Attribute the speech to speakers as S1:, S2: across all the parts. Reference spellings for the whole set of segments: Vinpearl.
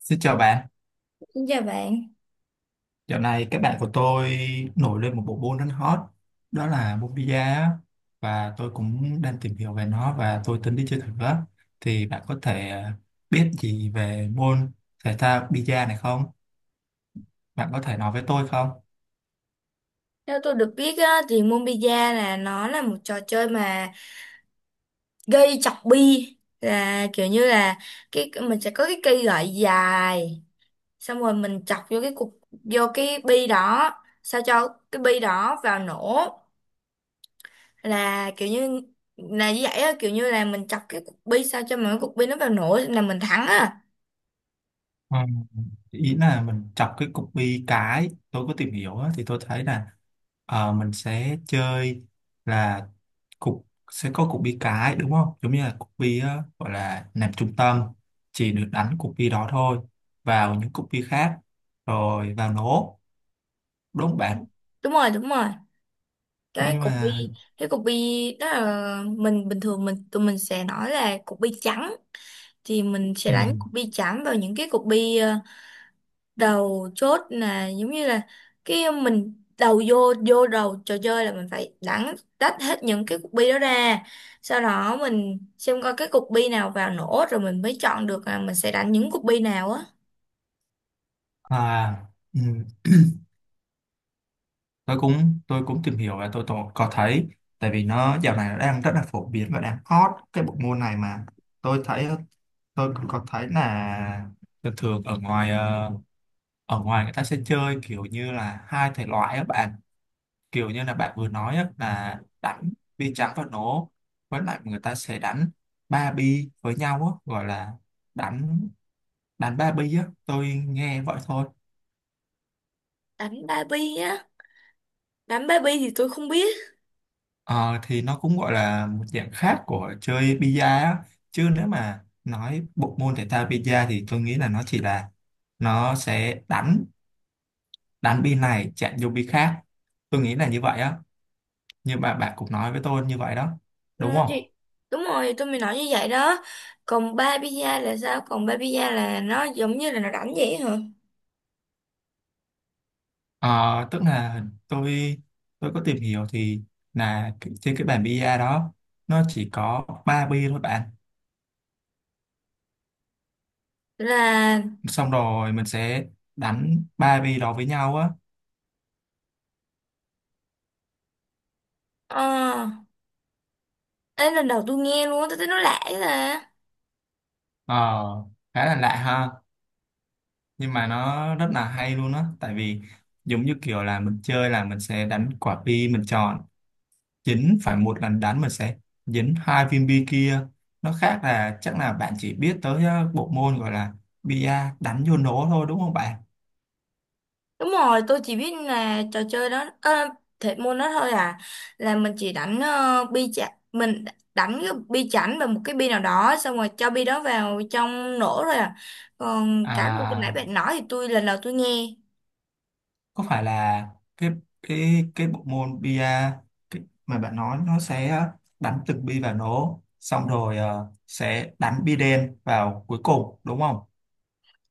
S1: Xin chào bạn,
S2: Xin chào bạn.
S1: dạo này các bạn của tôi nổi lên một bộ môn rất hot, đó là môn bida á. Và tôi cũng đang tìm hiểu về nó và tôi tính đi chơi thử á. Thì bạn có thể biết gì về môn thể thao bida này không? Bạn có thể nói với tôi không?
S2: Theo tôi được biết á, thì Mobiza là nó là một trò chơi mà gây chọc bi, là kiểu như là cái mình sẽ có cái cây gậy dài, xong rồi mình chọc vô cái cục, vô cái bi đó sao cho cái bi đó vào nổ. Là kiểu như là như vậy á, kiểu như là mình chọc cái cục bi sao cho mà cái cục bi nó vào nổ là mình thắng á.
S1: Ừ. Ý là mình chọc cái cục bi, cái tôi có tìm hiểu á, thì tôi thấy là mình sẽ chơi là cục sẽ có cục bi cái đúng không, giống như là cục bi gọi là nằm trung tâm, chỉ được đánh cục bi đó thôi vào những cục bi khác rồi vào nổ đốt bạc
S2: Đúng rồi, đúng rồi, cái
S1: nhưng
S2: cục
S1: mà.
S2: bi, cái cục bi đó là mình bình thường tụi mình sẽ nói là cục bi trắng, thì mình sẽ
S1: Ừ,
S2: đánh cục bi trắng vào những cái cục bi đầu chốt. Là giống như là cái mình đầu vô vô đầu trò chơi là mình phải đánh tách hết những cái cục bi đó ra, sau đó mình xem coi cái cục bi nào vào nổ rồi mình mới chọn được là mình sẽ đánh những cục bi nào á.
S1: à, ừ, tôi cũng tìm hiểu và tôi có thấy, tại vì nó dạo này nó đang rất là phổ biến và đang hot cái bộ môn này mà, tôi thấy, tôi cũng có thấy là thường thường ở ngoài ở ngoài người ta sẽ chơi kiểu như là hai thể loại á bạn, kiểu như là bạn vừa nói á, là đánh bi trắng và nổ, với lại người ta sẽ đánh ba bi với nhau á, gọi là đánh đánh ba bi á, tôi nghe vậy thôi.
S2: Đánh ba bi á? Đánh ba bi thì tôi không biết.
S1: Ờ, thì nó cũng gọi là một dạng khác của chơi bi á, chứ nếu mà nói bộ môn thể thao bi thì tôi nghĩ là nó chỉ là nó sẽ đánh đánh bi này chạm vô bi khác, tôi nghĩ là như vậy á, nhưng mà bạn cũng nói với tôi như vậy đó,
S2: Ừ,
S1: đúng không?
S2: thì đúng rồi, tôi mới nói như vậy đó. Còn ba pizza là sao? Còn ba pizza là nó giống như là nó đánh vậy hả?
S1: Ờ, tức là tôi tôi có tìm hiểu thì là trên cái bàn bia đó nó chỉ có ba bi thôi bạn,
S2: Là
S1: xong rồi mình sẽ đánh ba bi đó với nhau á.
S2: ờ, ấy, lần đầu tôi nghe luôn á, tôi thấy nó lạ vậy. Là
S1: Ờ, khá là lạ ha, nhưng mà nó rất là hay luôn á, tại vì giống như kiểu là mình chơi là mình sẽ đánh quả bi mình chọn, dính phải một lần đánh mình sẽ dính hai viên bi kia. Nó khác là chắc là bạn chỉ biết tới bộ môn gọi là bia đánh vô nổ thôi, đúng không bạn?
S2: đúng rồi, tôi chỉ biết là trò chơi đó thể môn đó thôi à. Là mình chỉ đánh bi chả mình, đánh cái bi chảnh và một cái bi nào đó, xong rồi cho bi đó vào trong nổ rồi à. Còn cái mà cái nãy
S1: À,
S2: bạn nói thì tôi lần đầu tôi nghe.
S1: có phải là cái cái bộ môn bia cái, mà bạn nói nó sẽ đánh từng bi vào nổ xong rồi sẽ đánh bi đen vào cuối cùng đúng không?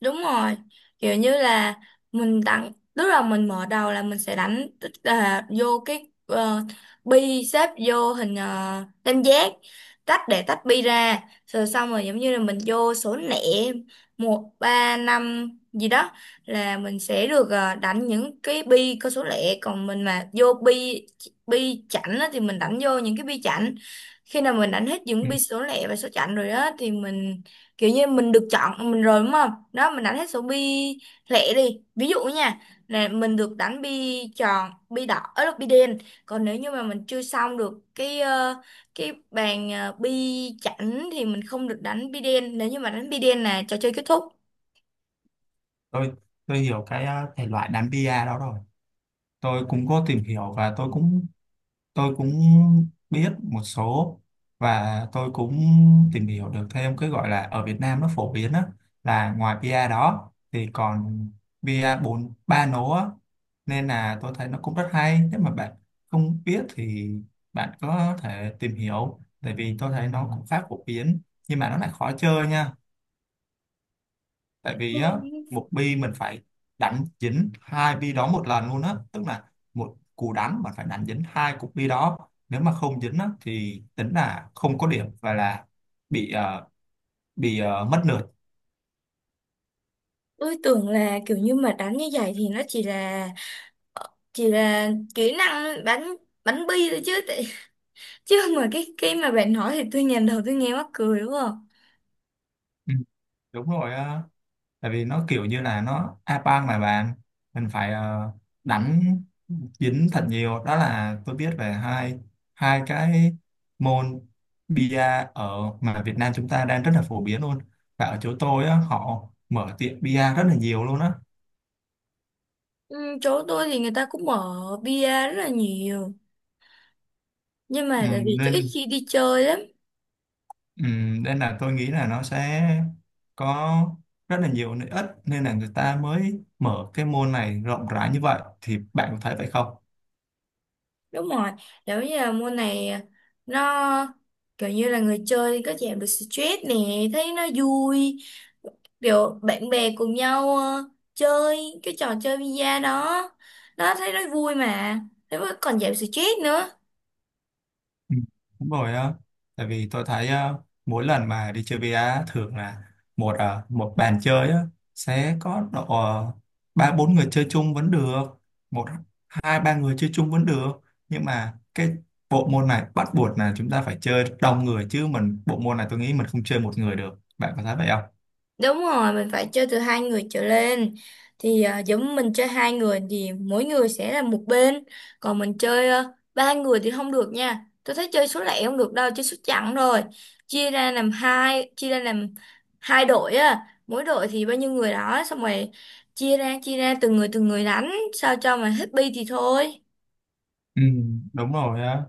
S2: Đúng rồi, kiểu như là mình tặng, tức là mình mở đầu là mình sẽ đánh, tức là vô cái bi xếp vô hình tam giác, tách để tách bi ra, rồi xong rồi giống như là mình vô số lẻ một ba năm gì đó, là mình sẽ được đánh những cái bi có số lẻ, còn mình mà vô bi bi chẵn á thì mình đánh vô những cái bi chẵn. Khi nào mình đánh hết những
S1: Ừ.
S2: bi số lẻ và số chẵn rồi á thì mình kiểu như mình được chọn mình rồi, đúng không? Đó, mình đánh hết số bi lẻ đi ví dụ nha, là mình được đánh bi tròn, bi đỏ ấy, là bi đen. Còn nếu như mà mình chưa xong được cái cái bàn bi chẵn thì mình không được đánh bi đen, nếu như mà đánh bi đen là trò chơi kết thúc.
S1: Tôi tôi hiểu cái thể loại đánh bia đó rồi. Tôi cũng có tìm hiểu và tôi cũng biết một số, và tôi cũng tìm hiểu được thêm cái gọi là ở Việt Nam nó phổ biến á, là ngoài bia đó thì còn bia bốn ba nố á, nên là tôi thấy nó cũng rất hay, nếu mà bạn không biết thì bạn có thể tìm hiểu, tại vì tôi thấy nó cũng khá phổ biến, nhưng mà nó lại khó chơi nha, tại vì á
S2: Ừ,
S1: một bi mình phải đánh dính hai bi đó một lần luôn á, tức là một cú đánh mà phải đánh dính hai cục bi đó, nếu mà không dính á thì tính là không có điểm và là bị bị mất lượt.
S2: tôi tưởng là kiểu như mà đánh như vậy thì nó chỉ là kỹ năng bắn bắn bi thôi chứ chứ mà cái mà bạn nói thì tôi nhìn đầu tôi nghe mắc cười quá.
S1: Ừ, đúng rồi á, tại vì nó kiểu như là nó a bang mà bạn, mình phải đánh dính thật nhiều. Đó là tôi biết về hai hai cái môn bia ở mà Việt Nam chúng ta đang rất là phổ biến luôn, và ở chỗ tôi á, họ mở tiệm bia rất là nhiều luôn á.
S2: Ừ, chỗ tôi thì người ta cũng mở bia rất là nhiều, nhưng
S1: ừ,
S2: mà tại vì tôi ít
S1: nên
S2: khi đi chơi lắm.
S1: ừ, nên là tôi nghĩ là nó sẽ có rất là nhiều lợi ích, nên là người ta mới mở cái môn này rộng rãi như vậy, thì bạn có thấy vậy không?
S2: Đúng rồi, giống như là môn này nó kiểu như là người chơi có giảm được stress nè, thấy nó vui, kiểu bạn bè cùng nhau chơi cái trò chơi bia đó đó, thấy nó vui mà, thế mà còn giảm stress nữa.
S1: Ừ, đúng rồi á, tại vì tôi thấy á, mỗi lần mà đi chơi VR á, thường là một bàn chơi á, sẽ có độ ba bốn người chơi chung vẫn được, một hai ba người chơi chung vẫn được, nhưng mà cái bộ môn này bắt buộc là chúng ta phải chơi đông người, chứ mình bộ môn này tôi nghĩ mình không chơi một người được, bạn có thấy vậy không?
S2: Đúng rồi, mình phải chơi từ hai người trở lên. Thì à, giống mình chơi hai người thì mỗi người sẽ là một bên. Còn mình chơi ba người thì không được nha. Tôi thấy chơi số lẻ không được đâu, chơi số chẵn rồi. Chia ra làm hai, chia ra làm hai đội á. Mỗi đội thì bao nhiêu người đó, xong rồi chia ra từng người đánh, sao cho mà hết bi thì thôi.
S1: Ừ, đúng rồi á,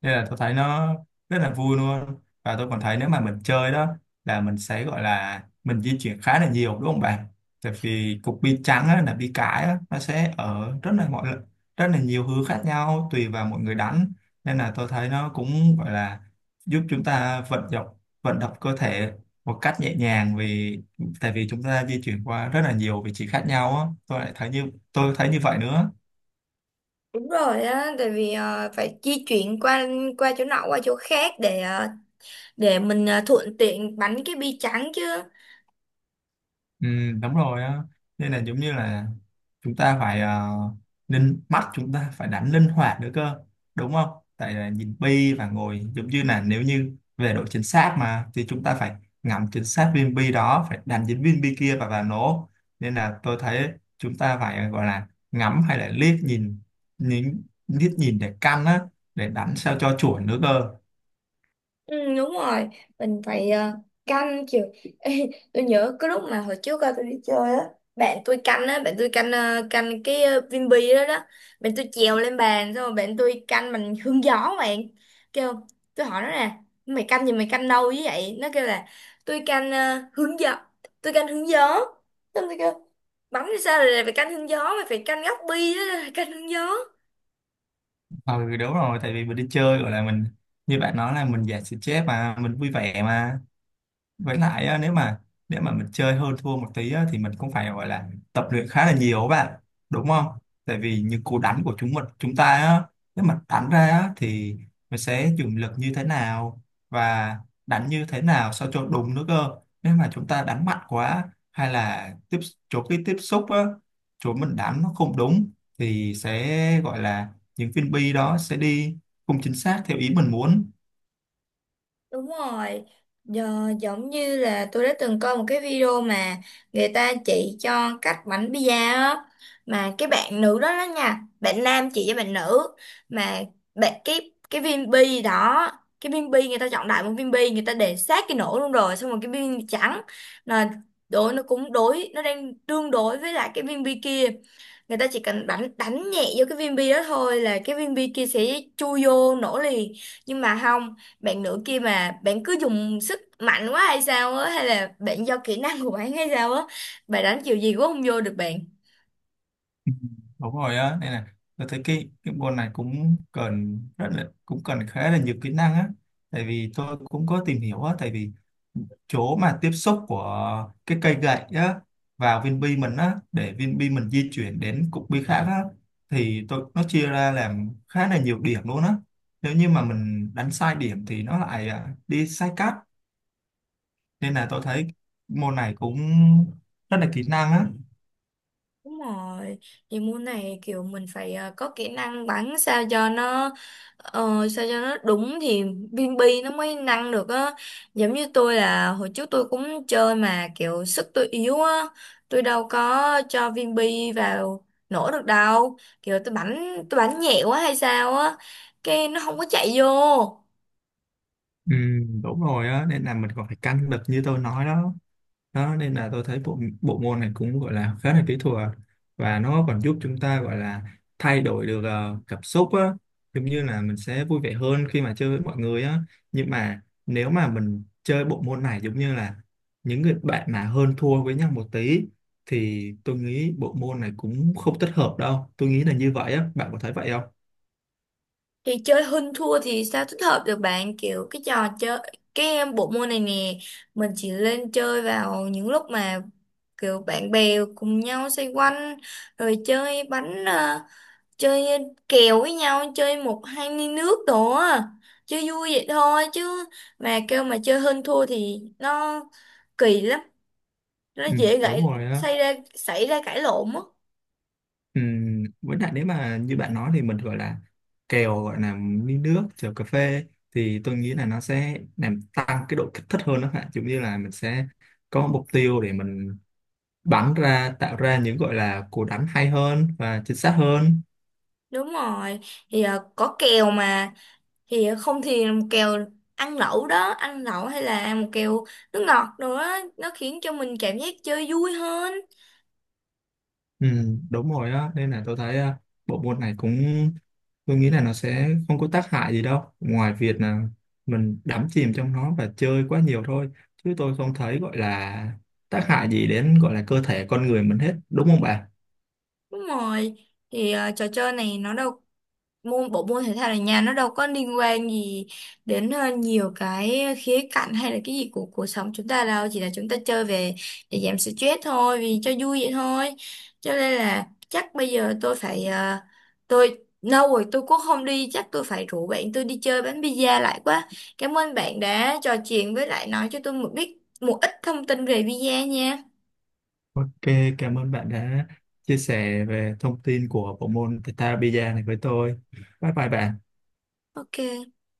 S1: nên là tôi thấy nó rất là vui luôn, và tôi còn thấy nếu mà mình chơi đó là mình sẽ gọi là mình di chuyển khá là nhiều đúng không bạn, tại vì cục bi trắng á, là bi cải á, nó sẽ ở rất là nhiều hướng khác nhau tùy vào mọi người đánh, nên là tôi thấy nó cũng gọi là giúp chúng ta vận động, vận động cơ thể một cách nhẹ nhàng, tại vì chúng ta di chuyển qua rất là nhiều vị trí khác nhau á, tôi lại thấy như tôi thấy như vậy nữa.
S2: Đúng rồi á, tại vì ờ, phải di chuyển qua qua chỗ nọ qua chỗ khác, để để mình thuận tiện bắn cái bi trắng chứ.
S1: Ừ, đúng rồi á, nên là giống như là chúng ta phải linh mắt, chúng ta phải đánh linh hoạt nữa cơ, đúng không, tại là nhìn bi và ngồi giống như là nếu như về độ chính xác mà thì chúng ta phải ngắm chính xác viên bi đó, phải đánh chính viên bi kia và nổ, nên là tôi thấy chúng ta phải gọi là ngắm hay là liếc nhìn, nhìn liếc nhìn để căn á, để đánh sao cho chuẩn nữa cơ.
S2: Ừ, đúng rồi, mình phải canh chiều. Ê, tôi nhớ cái lúc mà hồi trước tôi đi chơi á, bạn tôi canh á, bạn tôi canh canh cái Vinpearl đó đó. Bạn tôi trèo lên bàn, xong rồi bạn tôi canh bằng hương gió, bạn kêu, tôi hỏi nó nè, mày canh gì, mày canh đâu với vậy? Nó kêu là tôi canh hướng gió, tôi canh hướng gió. Xong tôi kêu, bắn thì sao rồi lại phải canh hướng gió, mày phải canh góc bi đó. Canh hướng gió.
S1: Ừ, đúng rồi, tại vì mình đi chơi gọi là mình như bạn nói là mình giải stress mà, mình vui vẻ mà, với lại á, nếu mà mình chơi hơn thua một tí á, thì mình cũng phải gọi là tập luyện khá là nhiều các bạn, đúng không, tại vì những cú đánh của chúng ta á, nếu mà đánh ra á, thì mình sẽ dùng lực như thế nào và đánh như thế nào sao cho đúng nữa cơ. Nếu mà chúng ta đánh mạnh quá, hay là chỗ cái tiếp xúc á, chỗ mình đánh nó không đúng, thì sẽ gọi là những viên bi đó sẽ đi không chính xác theo ý mình muốn.
S2: Đúng rồi, giờ, giống như là tôi đã từng coi một cái video mà người ta chỉ cho cách bánh pizza á, mà cái bạn nữ đó đó nha, bạn nam chỉ với bạn nữ mà bạn, cái viên bi đó, cái viên bi người ta chọn đại một viên bi, người ta để sát cái nổ luôn, rồi xong rồi cái viên trắng là đối nó cũng đối, nó đang tương đối với lại cái viên bi kia. Người ta chỉ cần đánh đánh nhẹ vô cái viên bi đó thôi là cái viên bi kia sẽ chui vô nổ liền. Nhưng mà không, bạn nữ kia mà bạn cứ dùng sức mạnh quá hay sao á, hay là bạn do kỹ năng của bạn hay sao á, bà đánh kiểu gì cũng không vô được bạn.
S1: Ừ, đúng rồi á, nên là tôi thấy cái môn này cũng cần khá là nhiều kỹ năng á, tại vì tôi cũng có tìm hiểu á, tại vì chỗ mà tiếp xúc của cái cây gậy á vào viên bi mình á để viên bi mình di chuyển đến cục bi khác á, thì tôi nó chia ra làm khá là nhiều điểm luôn á, nếu như mà mình đánh sai điểm thì nó lại đi sai cắt, nên là tôi thấy môn này cũng rất là kỹ năng á.
S2: Đúng rồi, thì môn này kiểu mình phải có kỹ năng bắn sao cho nó sao cho nó đúng thì viên bi nó mới năng được á. Giống như tôi là hồi trước tôi cũng chơi mà kiểu sức tôi yếu á, tôi đâu có cho viên bi vào nổ được đâu, kiểu tôi bắn nhẹ quá hay sao á, cái nó không có chạy vô.
S1: Ừ, đúng rồi á, nên là mình còn phải căng lực như tôi nói đó, đó nên là tôi thấy bộ bộ môn này cũng gọi là khá là kỹ thuật, và nó còn giúp chúng ta gọi là thay đổi được cảm xúc á, giống như là mình sẽ vui vẻ hơn khi mà chơi với mọi người á, nhưng mà nếu mà mình chơi bộ môn này giống như là những người bạn mà hơn thua với nhau một tí, thì tôi nghĩ bộ môn này cũng không thích hợp đâu, tôi nghĩ là như vậy á, bạn có thấy vậy không?
S2: Thì chơi hơn thua thì sao tích hợp được bạn, kiểu cái trò chơi cái em bộ môn này nè, mình chỉ lên chơi vào những lúc mà kiểu bạn bè cùng nhau xoay quanh rồi chơi bánh chơi kèo với nhau, chơi một hai ly nước đồ á, chơi vui vậy thôi chứ mà kêu mà chơi hơn thua thì nó kỳ lắm, nó
S1: Ừ,
S2: dễ
S1: đúng
S2: gãy
S1: rồi á.
S2: xảy ra cãi lộn á.
S1: Với lại nếu mà như bạn nói thì mình gọi là kèo, gọi là ly nước kèo cà phê, thì tôi nghĩ là nó sẽ làm tăng cái độ kích thích hơn đó bạn, giống như là mình sẽ có mục tiêu để mình bắn ra, tạo ra những gọi là cú đánh hay hơn và chính xác hơn.
S2: Đúng rồi, thì ờ, có kèo mà, thì không thì một kèo ăn lẩu đó, ăn lẩu hay là một kèo nước ngọt đồ đó, nó khiến cho mình cảm giác chơi vui hơn.
S1: Ừ, đúng rồi á, nên là tôi thấy bộ môn này cũng, tôi nghĩ là nó sẽ không có tác hại gì đâu, ngoài việc là mình đắm chìm trong nó và chơi quá nhiều thôi, chứ tôi không thấy gọi là tác hại gì đến gọi là cơ thể con người mình hết, đúng không bạn?
S2: Đúng rồi, thì ờ, trò chơi này nó đâu, môn bộ môn thể thao ở nhà nó đâu có liên quan gì đến nhiều cái khía cạnh hay là cái gì của cuộc sống chúng ta đâu, chỉ là chúng ta chơi về để giảm stress thôi, vì cho vui vậy thôi. Cho nên là chắc bây giờ tôi phải tôi lâu rồi tôi cũng không đi, chắc tôi phải rủ bạn tôi đi chơi bánh pizza lại quá. Cảm ơn bạn đã trò chuyện với lại nói cho tôi một ít thông tin về pizza nha.
S1: Ok, cảm ơn bạn đã chia sẻ về thông tin của bộ môn Theta Bida này với tôi, bye bye bạn.
S2: Ok.